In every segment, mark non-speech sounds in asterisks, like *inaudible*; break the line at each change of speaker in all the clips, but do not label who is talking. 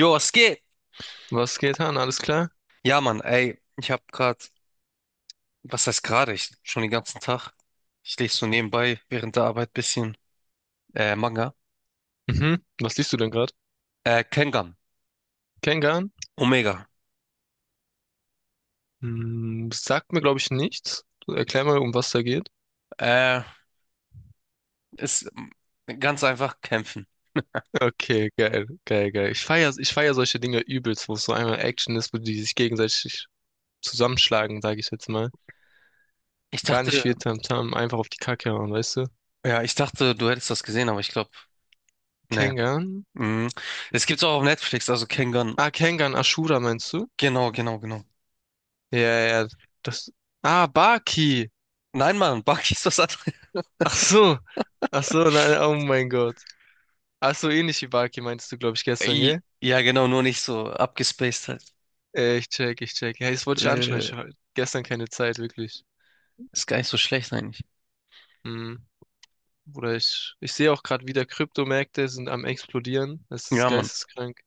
Jo, es geht.
Was geht, Han? Alles klar?
Ja, Mann, ey, ich hab grad, was heißt gerade? Ich schon den ganzen Tag. Ich lese so nebenbei während der Arbeit bisschen Manga.
Mhm. Was liest du denn gerade?
Kengan,
Kengan?
Omega.
Sagt mir, glaube ich, nichts. Erklär mal, um was da geht.
Äh, ist ganz einfach kämpfen.
Okay, geil, geil, geil. Ich feier solche Dinge übelst, wo es so einmal Action ist, wo die sich gegenseitig zusammenschlagen, sage ich jetzt mal.
Ich
Gar nicht
dachte,
viel Tamtam, einfach auf die Kacke hauen, weißt du?
ja, ich dachte, du hättest das gesehen, aber ich glaube, nee.
Kengan?
Mhm. Es gibt's auch auf Netflix, also Kengan.
Ah, Kengan Ashura meinst du?
Genau, genau, genau.
Ja, ja, das. Ah, Baki!
Nein, Mann, *laughs* Baki ist was anderes.
Ach so! Ach so, nein, oh mein Gott. Ach so, ähnlich wie Baki meinst du, glaube ich,
*laughs*
gestern,
Ey,
gell?
ja, genau, nur nicht so abgespaced halt.
Ich check. Ja, das wollte ich anschauen.
Äh,
Ich hatte gestern keine Zeit, wirklich.
Ist gar nicht so schlecht eigentlich.
Hm. Oder ich sehe auch gerade wieder, Kryptomärkte sind am explodieren. Das ist
Ja, Mann,
geisteskrank.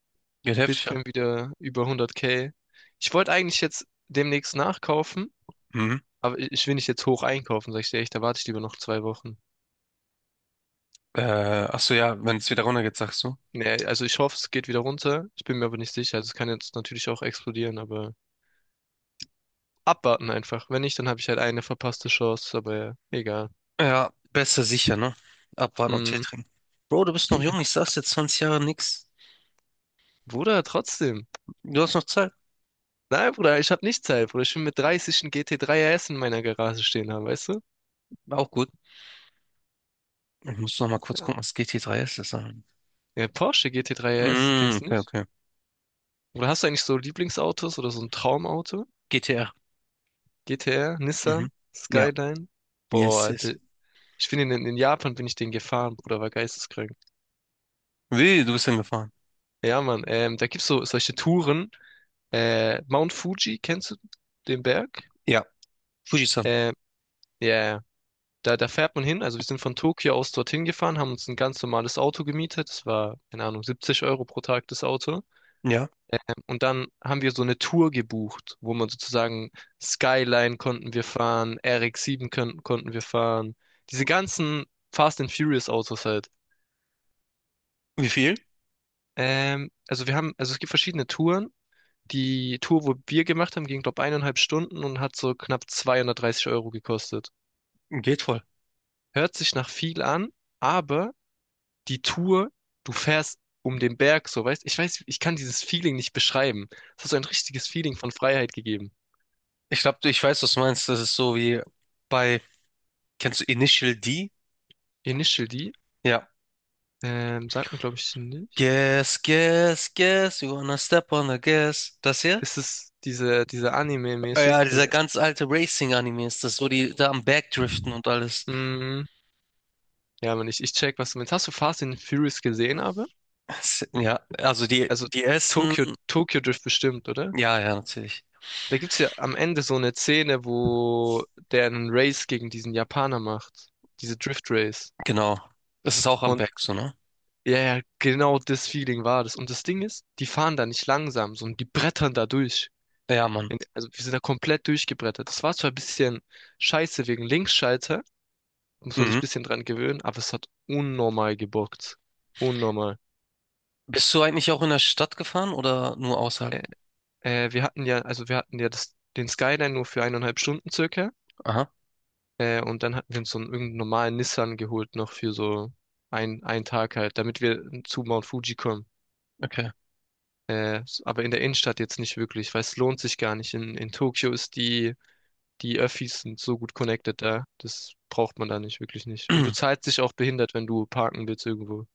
geht heftig ab.
Bitcoin wieder über 100K. Ich wollte eigentlich jetzt demnächst nachkaufen,
Mhm.
aber ich will nicht jetzt hoch einkaufen, sag ich dir echt. Da warte ich lieber noch 2 Wochen.
Äh, Ach so, ja, wenn es wieder runtergeht, sagst du.
Nee, also ich hoffe, es geht wieder runter. Ich bin mir aber nicht sicher. Also es kann jetzt natürlich auch explodieren, aber abwarten einfach. Wenn nicht, dann habe ich halt eine verpasste Chance, aber ja, egal.
Ja, besser sicher, ne? Abwarten und Tee
Hm.
trinken. Bro, du bist noch jung, ich sag's dir, 20 Jahre nix.
Bruder, trotzdem.
Du hast noch Zeit.
Nein, Bruder, ich habe nicht Zeit, Bruder. Ich will mit 30 einen GT3 RS in meiner Garage stehen haben, weißt du?
Auch gut. Ich muss noch mal kurz gucken,
Ja.
was GT3 ist. Das ist
Ja, Porsche GT3 RS,
mm,
kennst du
okay,
nicht?
okay.
Oder hast du eigentlich so Lieblingsautos oder so ein Traumauto?
GTR.
GTR,
Mhm.
Nissan,
Ja.
Skyline? Boah,
Yes,
Alter.
yes.
Ich bin in Japan bin ich den gefahren, Bruder, war geisteskrank.
Wie, du bist hingefahren?
Ja, Mann, da gibt's so solche Touren. Mount Fuji, kennst du den Berg?
Ja. Fujisan.
Ähm, ja, ja. Da fährt man hin. Also wir sind von Tokio aus dorthin gefahren, haben uns ein ganz normales Auto gemietet. Das war, keine Ahnung, 70 € pro Tag das Auto.
Ja.
Und dann haben wir so eine Tour gebucht, wo man sozusagen Skyline konnten wir fahren, RX-7 konnten wir fahren. Diese ganzen Fast and Furious Autos halt.
Wie viel?
Also wir haben, also es gibt verschiedene Touren. Die Tour, wo wir gemacht haben, ging, glaube ich, 1,5 Stunden und hat so knapp 230 € gekostet.
Geht voll.
Hört sich nach viel an, aber die Tour, du fährst um den Berg, so weißt, ich weiß, ich kann dieses Feeling nicht beschreiben. Es hat so ein richtiges Feeling von Freiheit gegeben.
Ich glaube, ich weiß, was du meinst. Das ist so wie bei, kennst du Initial D?
Initial D,
Ja.
sagt mir glaube ich nicht.
Guess, guess, guess, you wanna step on the gas. Das hier?
Ist es diese
Ja,
Anime-mäßig?
dieser
Oder?
ganz alte Racing-Anime ist das, wo die da am Backdriften und alles.
Mm, ja, aber nicht. Ich check, was du meinst. Hast du Fast and Furious gesehen, aber?
Ja, also die,
Also
die ersten,
Tokyo Drift bestimmt, oder?
ja, ja, natürlich.
Da gibt's ja am Ende so eine Szene, wo der einen Race gegen diesen Japaner macht. Diese Drift Race.
Genau. Das ist auch am
Und
Back, so, ne?
ja, ja, genau das Feeling war das. Und das Ding ist, die fahren da nicht langsam, sondern die brettern da durch.
Ja, Mann.
Also wir sind da komplett durchgebrettert. Das war zwar ein bisschen scheiße wegen Linksschalter, muss man sich ein
Mhm.
bisschen dran gewöhnen, aber es hat unnormal gebockt. Unnormal.
Bist du eigentlich auch in der Stadt gefahren oder nur außerhalb?
Äh, Wir hatten ja das, den Skyline nur für 1,5 Stunden circa.
Aha,
Und dann hatten wir uns so einen irgendeinen normalen Nissan geholt noch für so einen Tag halt, damit wir zu Mount Fuji kommen.
okay.
Aber in der Innenstadt jetzt nicht wirklich, weil es lohnt sich gar nicht. In Tokio ist die Öffis sind so gut connected da. Das braucht man da nicht, wirklich nicht. Und du
*clears throat*
zahlst dich auch behindert, wenn du parken willst irgendwo.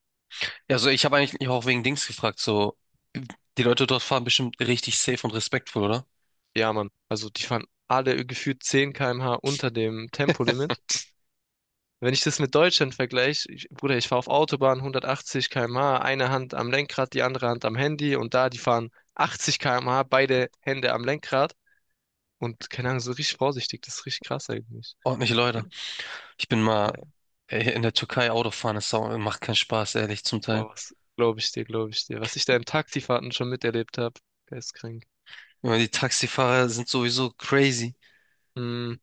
Also ich habe eigentlich auch wegen Dings gefragt, so, die Leute dort fahren bestimmt richtig safe und respektvoll, oder?
Ja, Mann. Also die fahren alle gefühlt 10 km/h unter dem Tempolimit. Wenn ich das mit Deutschland vergleiche, ich, Bruder, ich fahre auf Autobahn 180 km/h, eine Hand am Lenkrad, die andere Hand am Handy und da, die fahren 80 km/h, beide Hände am Lenkrad und keine Ahnung, so richtig vorsichtig, das ist richtig krass eigentlich.
Ordentliche Leute. Ich bin mal in der Türkei Autofahren, das macht keinen Spaß, ehrlich, zum Teil.
Boah, was glaube ich dir, glaube ich dir. Was ich da in Taxifahrten schon miterlebt habe, geistkrank.
Immer die Taxifahrer sind sowieso crazy.
Mhm.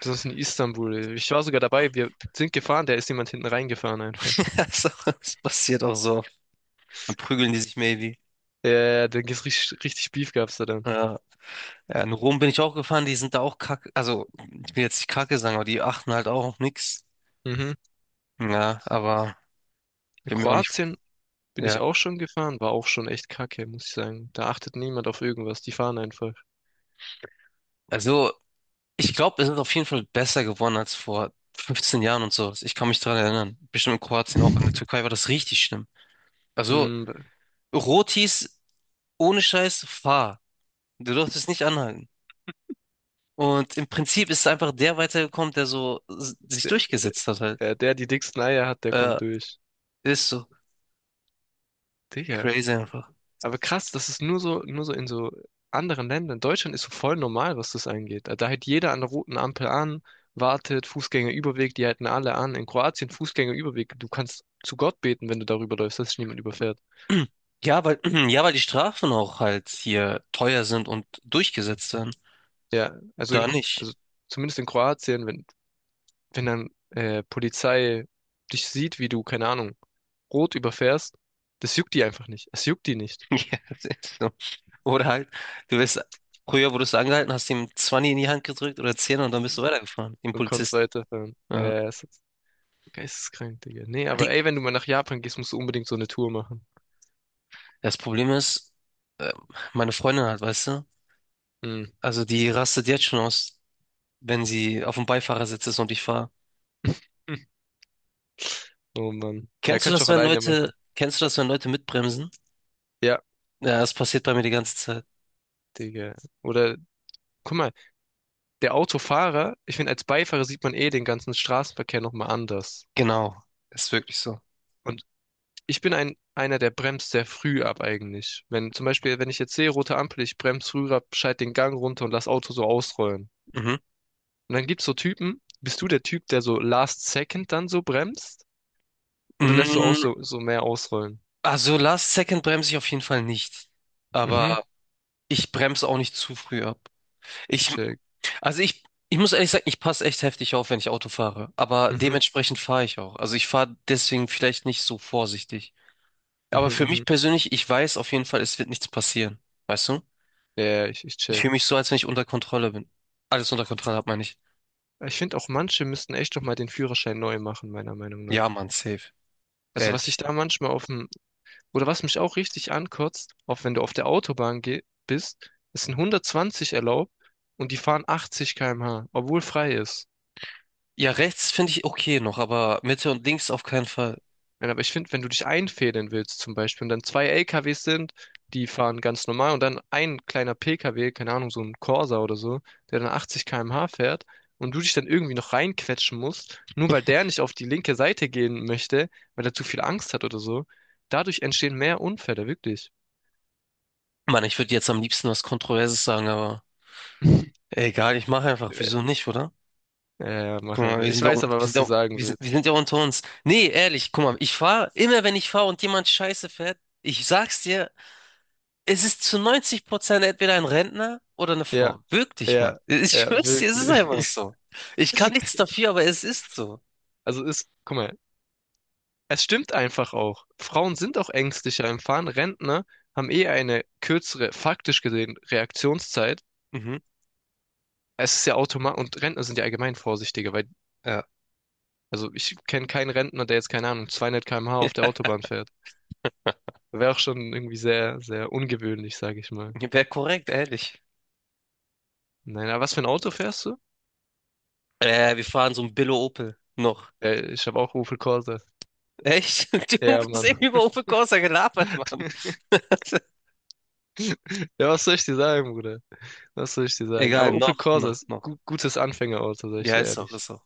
Besonders in Istanbul. Ich war sogar dabei, wir sind gefahren, da ist jemand hinten reingefahren einfach.
*laughs* Also, das passiert auch so oft. Dann prügeln die sich maybe.
Ja, da gibt's richtig, richtig Beef gab's da dann.
Ja. Ja, in Rom bin ich auch gefahren, die sind da auch kacke. Also, ich will jetzt nicht kacke sagen, aber die achten halt auch auf nichts.
Mhm.
Ja, aber
In
bin mir auch nicht.
Kroatien bin ich
Ja.
auch schon gefahren, war auch schon echt kacke, muss ich sagen. Da achtet niemand auf irgendwas, die fahren einfach.
Also, ich glaube, es ist auf jeden Fall besser geworden als vor 15 Jahren und sowas. Ich kann mich daran erinnern. Bestimmt in Kroatien auch. In der
*laughs*
Türkei war das richtig schlimm. Also,
Mhm.
Rotis ohne Scheiß, fahr. Du durftest nicht anhalten. Und im Prinzip ist einfach der weitergekommen, der so sich durchgesetzt hat halt.
Der, der die dicksten Eier hat, der
Äh,
kommt durch.
Ist so.
Digga,
Crazy einfach.
aber krass, das ist nur so in so anderen Ländern. Deutschland ist so voll normal, was das angeht. Da hält jeder an der roten Ampel an, wartet, Fußgängerüberweg, die halten alle an. In Kroatien Fußgängerüberweg, du kannst zu Gott beten, wenn du darüber läufst, dass dich niemand überfährt.
*clears throat* Ja, weil, *clears throat* ja, weil die Strafen auch halt hier teuer sind und durchgesetzt werden.
Ja, also,
Da nicht.
also zumindest in Kroatien, wenn dann Polizei dich sieht, wie du, keine Ahnung, rot überfährst, das juckt die einfach nicht. Es juckt die nicht.
*laughs* Ja, das ist so. Oder halt, du wirst, früher wurdest du angehalten, hast ihm 20 in die Hand gedrückt oder 10 und dann bist du weitergefahren, dem
Und kannst
Polizisten.
weiterfahren.
Ja.
Ja, es ist geisteskrank, Digga. Nee,
Die-
aber ey, wenn du mal nach Japan gehst, musst du unbedingt so eine Tour machen.
Das Problem ist, äh, meine Freundin halt, weißt du,
Mhm.
also die rastet jetzt schon aus, wenn sie auf dem Beifahrersitz ist und ich fahre.
*laughs* Hm. Oh Mann. Er könnte es auch alleine machen.
Kennst du das, wenn Leute mitbremsen?
Ja,
Ja, das passiert bei mir die ganze Zeit.
Digga. Oder, guck mal, der Autofahrer, ich finde, als Beifahrer sieht man eh den ganzen Straßenverkehr nochmal anders.
Genau, ist wirklich so.
Und ich bin einer, der bremst sehr früh ab eigentlich. Wenn zum Beispiel, wenn ich jetzt sehe, rote Ampel, ich bremse früh ab, schalte den Gang runter und lass Auto so ausrollen.
Mhm.
Und dann gibt's so Typen, bist du der Typ, der so last second dann so bremst? Oder lässt du auch
Mm,
so, so mehr ausrollen?
Also Last Second bremse ich auf jeden Fall nicht.
Mhm,
Aber ich bremse auch nicht zu früh ab.
ich
Ich,
check.
also ich, Ich muss ehrlich sagen, ich passe echt heftig auf, wenn ich Auto fahre. Aber
Mhm,
dementsprechend fahre ich auch. Also ich fahre deswegen vielleicht nicht so vorsichtig.
mhm,
Aber für
mhm.
mich persönlich, ich weiß auf jeden Fall, es wird nichts passieren. Weißt du?
Ja, ich
Ich
check.
fühle mich so, als wenn ich unter Kontrolle bin. Alles unter Kontrolle hat, meine ich.
Ich finde auch manche müssten echt noch mal den Führerschein neu machen, meiner Meinung
Ja,
nach.
Mann, safe.
Also was ich
Ehrlich.
da manchmal auf dem, oder was mich auch richtig ankotzt, auch wenn du auf der Autobahn geh bist, ist ein 120 erlaubt und die fahren 80 km/h, obwohl frei ist.
Ja, rechts finde ich okay noch, aber Mitte und links auf keinen Fall.
Nein, aber ich finde, wenn du dich einfädeln willst zum Beispiel und dann zwei LKWs sind, die fahren ganz normal und dann ein kleiner PKW, keine Ahnung, so ein Corsa oder so, der dann 80 km/h fährt und du dich dann irgendwie noch reinquetschen musst, nur weil der nicht auf die linke Seite gehen möchte, weil er zu viel Angst hat oder so, dadurch entstehen mehr Unfälle, wirklich.
Mann, ich würde jetzt am liebsten was Kontroverses sagen, aber.
*laughs*
Egal, ich mache einfach. Wieso nicht, oder?
Ja, ja, mach
Guck mal,
einfach.
wir
Ich
sind ja, un-
weiß aber, was du sagen
wir
willst.
sind ja unter uns. Nee, ehrlich, guck mal, ich fahre, immer wenn ich fahre und jemand Scheiße fährt, ich sag's dir, es ist zu 90% entweder ein Rentner oder eine
Ja,
Frau. Wirklich, Mann.
ja,
*laughs* Ich
ja,
schwör's dir, es ist einfach
wirklich.
so. Ich kann nichts
*laughs*
dafür, aber es ist so.
Also ist, guck mal. Es stimmt einfach auch. Frauen sind auch ängstlicher im Fahren. Rentner haben eh eine kürzere, faktisch gesehen, Reaktionszeit.
Mhm,
Es ist ja automatisch, und Rentner sind ja allgemein vorsichtiger, weil,
ja.
also ich kenne keinen Rentner, der jetzt, keine Ahnung, 200 km/h auf der
*laughs*
Autobahn fährt. Wäre auch schon irgendwie sehr, sehr ungewöhnlich, sage ich mal.
Wäre korrekt, ehrlich.
Nein, aber was für ein Auto fährst du?
Wir fahren so ein Billo Opel. Noch.
Ich habe auch Opel Corsa.
Echt? *laughs* Du
Ja,
hast
Mann.
eben über Opel Corsa gelabert, Mann.
*laughs*
*laughs*
Ja, was soll ich dir sagen, Bruder? Was soll ich dir sagen?
Egal,
Aber Opel
noch,
Corsa
noch,
ist
noch.
gu gutes Anfängerauto, sag ich
Ja,
dir
ist auch,
ehrlich.
ist auch.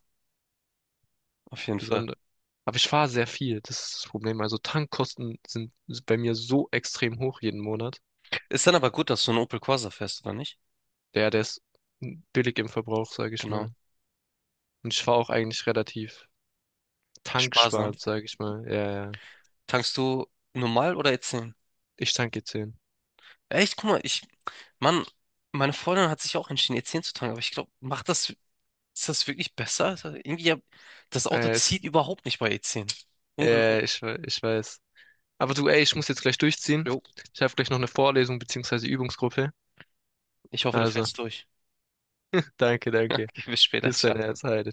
Auf jeden Fall.
Besonders. Aber ich fahre sehr viel, das ist das Problem. Also Tankkosten sind bei mir so extrem hoch jeden Monat.
Ist dann aber gut, dass du einen Opel Corsa fährst, oder nicht?
Der ist billig im Verbrauch, sage ich
Genau.
mal. Und ich fahre auch eigentlich relativ
Sparsam.
tanksparend, sage ich mal. Ja, ja.
Tankst du normal oder E10?
Ich tanke zehn. 10.
Echt, guck mal, ich, Mann, meine Freundin hat sich auch entschieden, E10 zu tanken, aber ich glaube, macht das, ist das wirklich besser? Das Auto
Äh, es,
zieht überhaupt nicht bei E10. Ungelogen.
Ich weiß. Aber du, ey, ich muss jetzt gleich durchziehen.
Jo,
Ich habe gleich noch eine Vorlesung beziehungsweise Übungsgruppe.
ich hoffe, du
Also,
fährst durch.
danke,
*laughs*
danke.
Okay, bis später,
Küss dein
ciao.
Herz, Heide.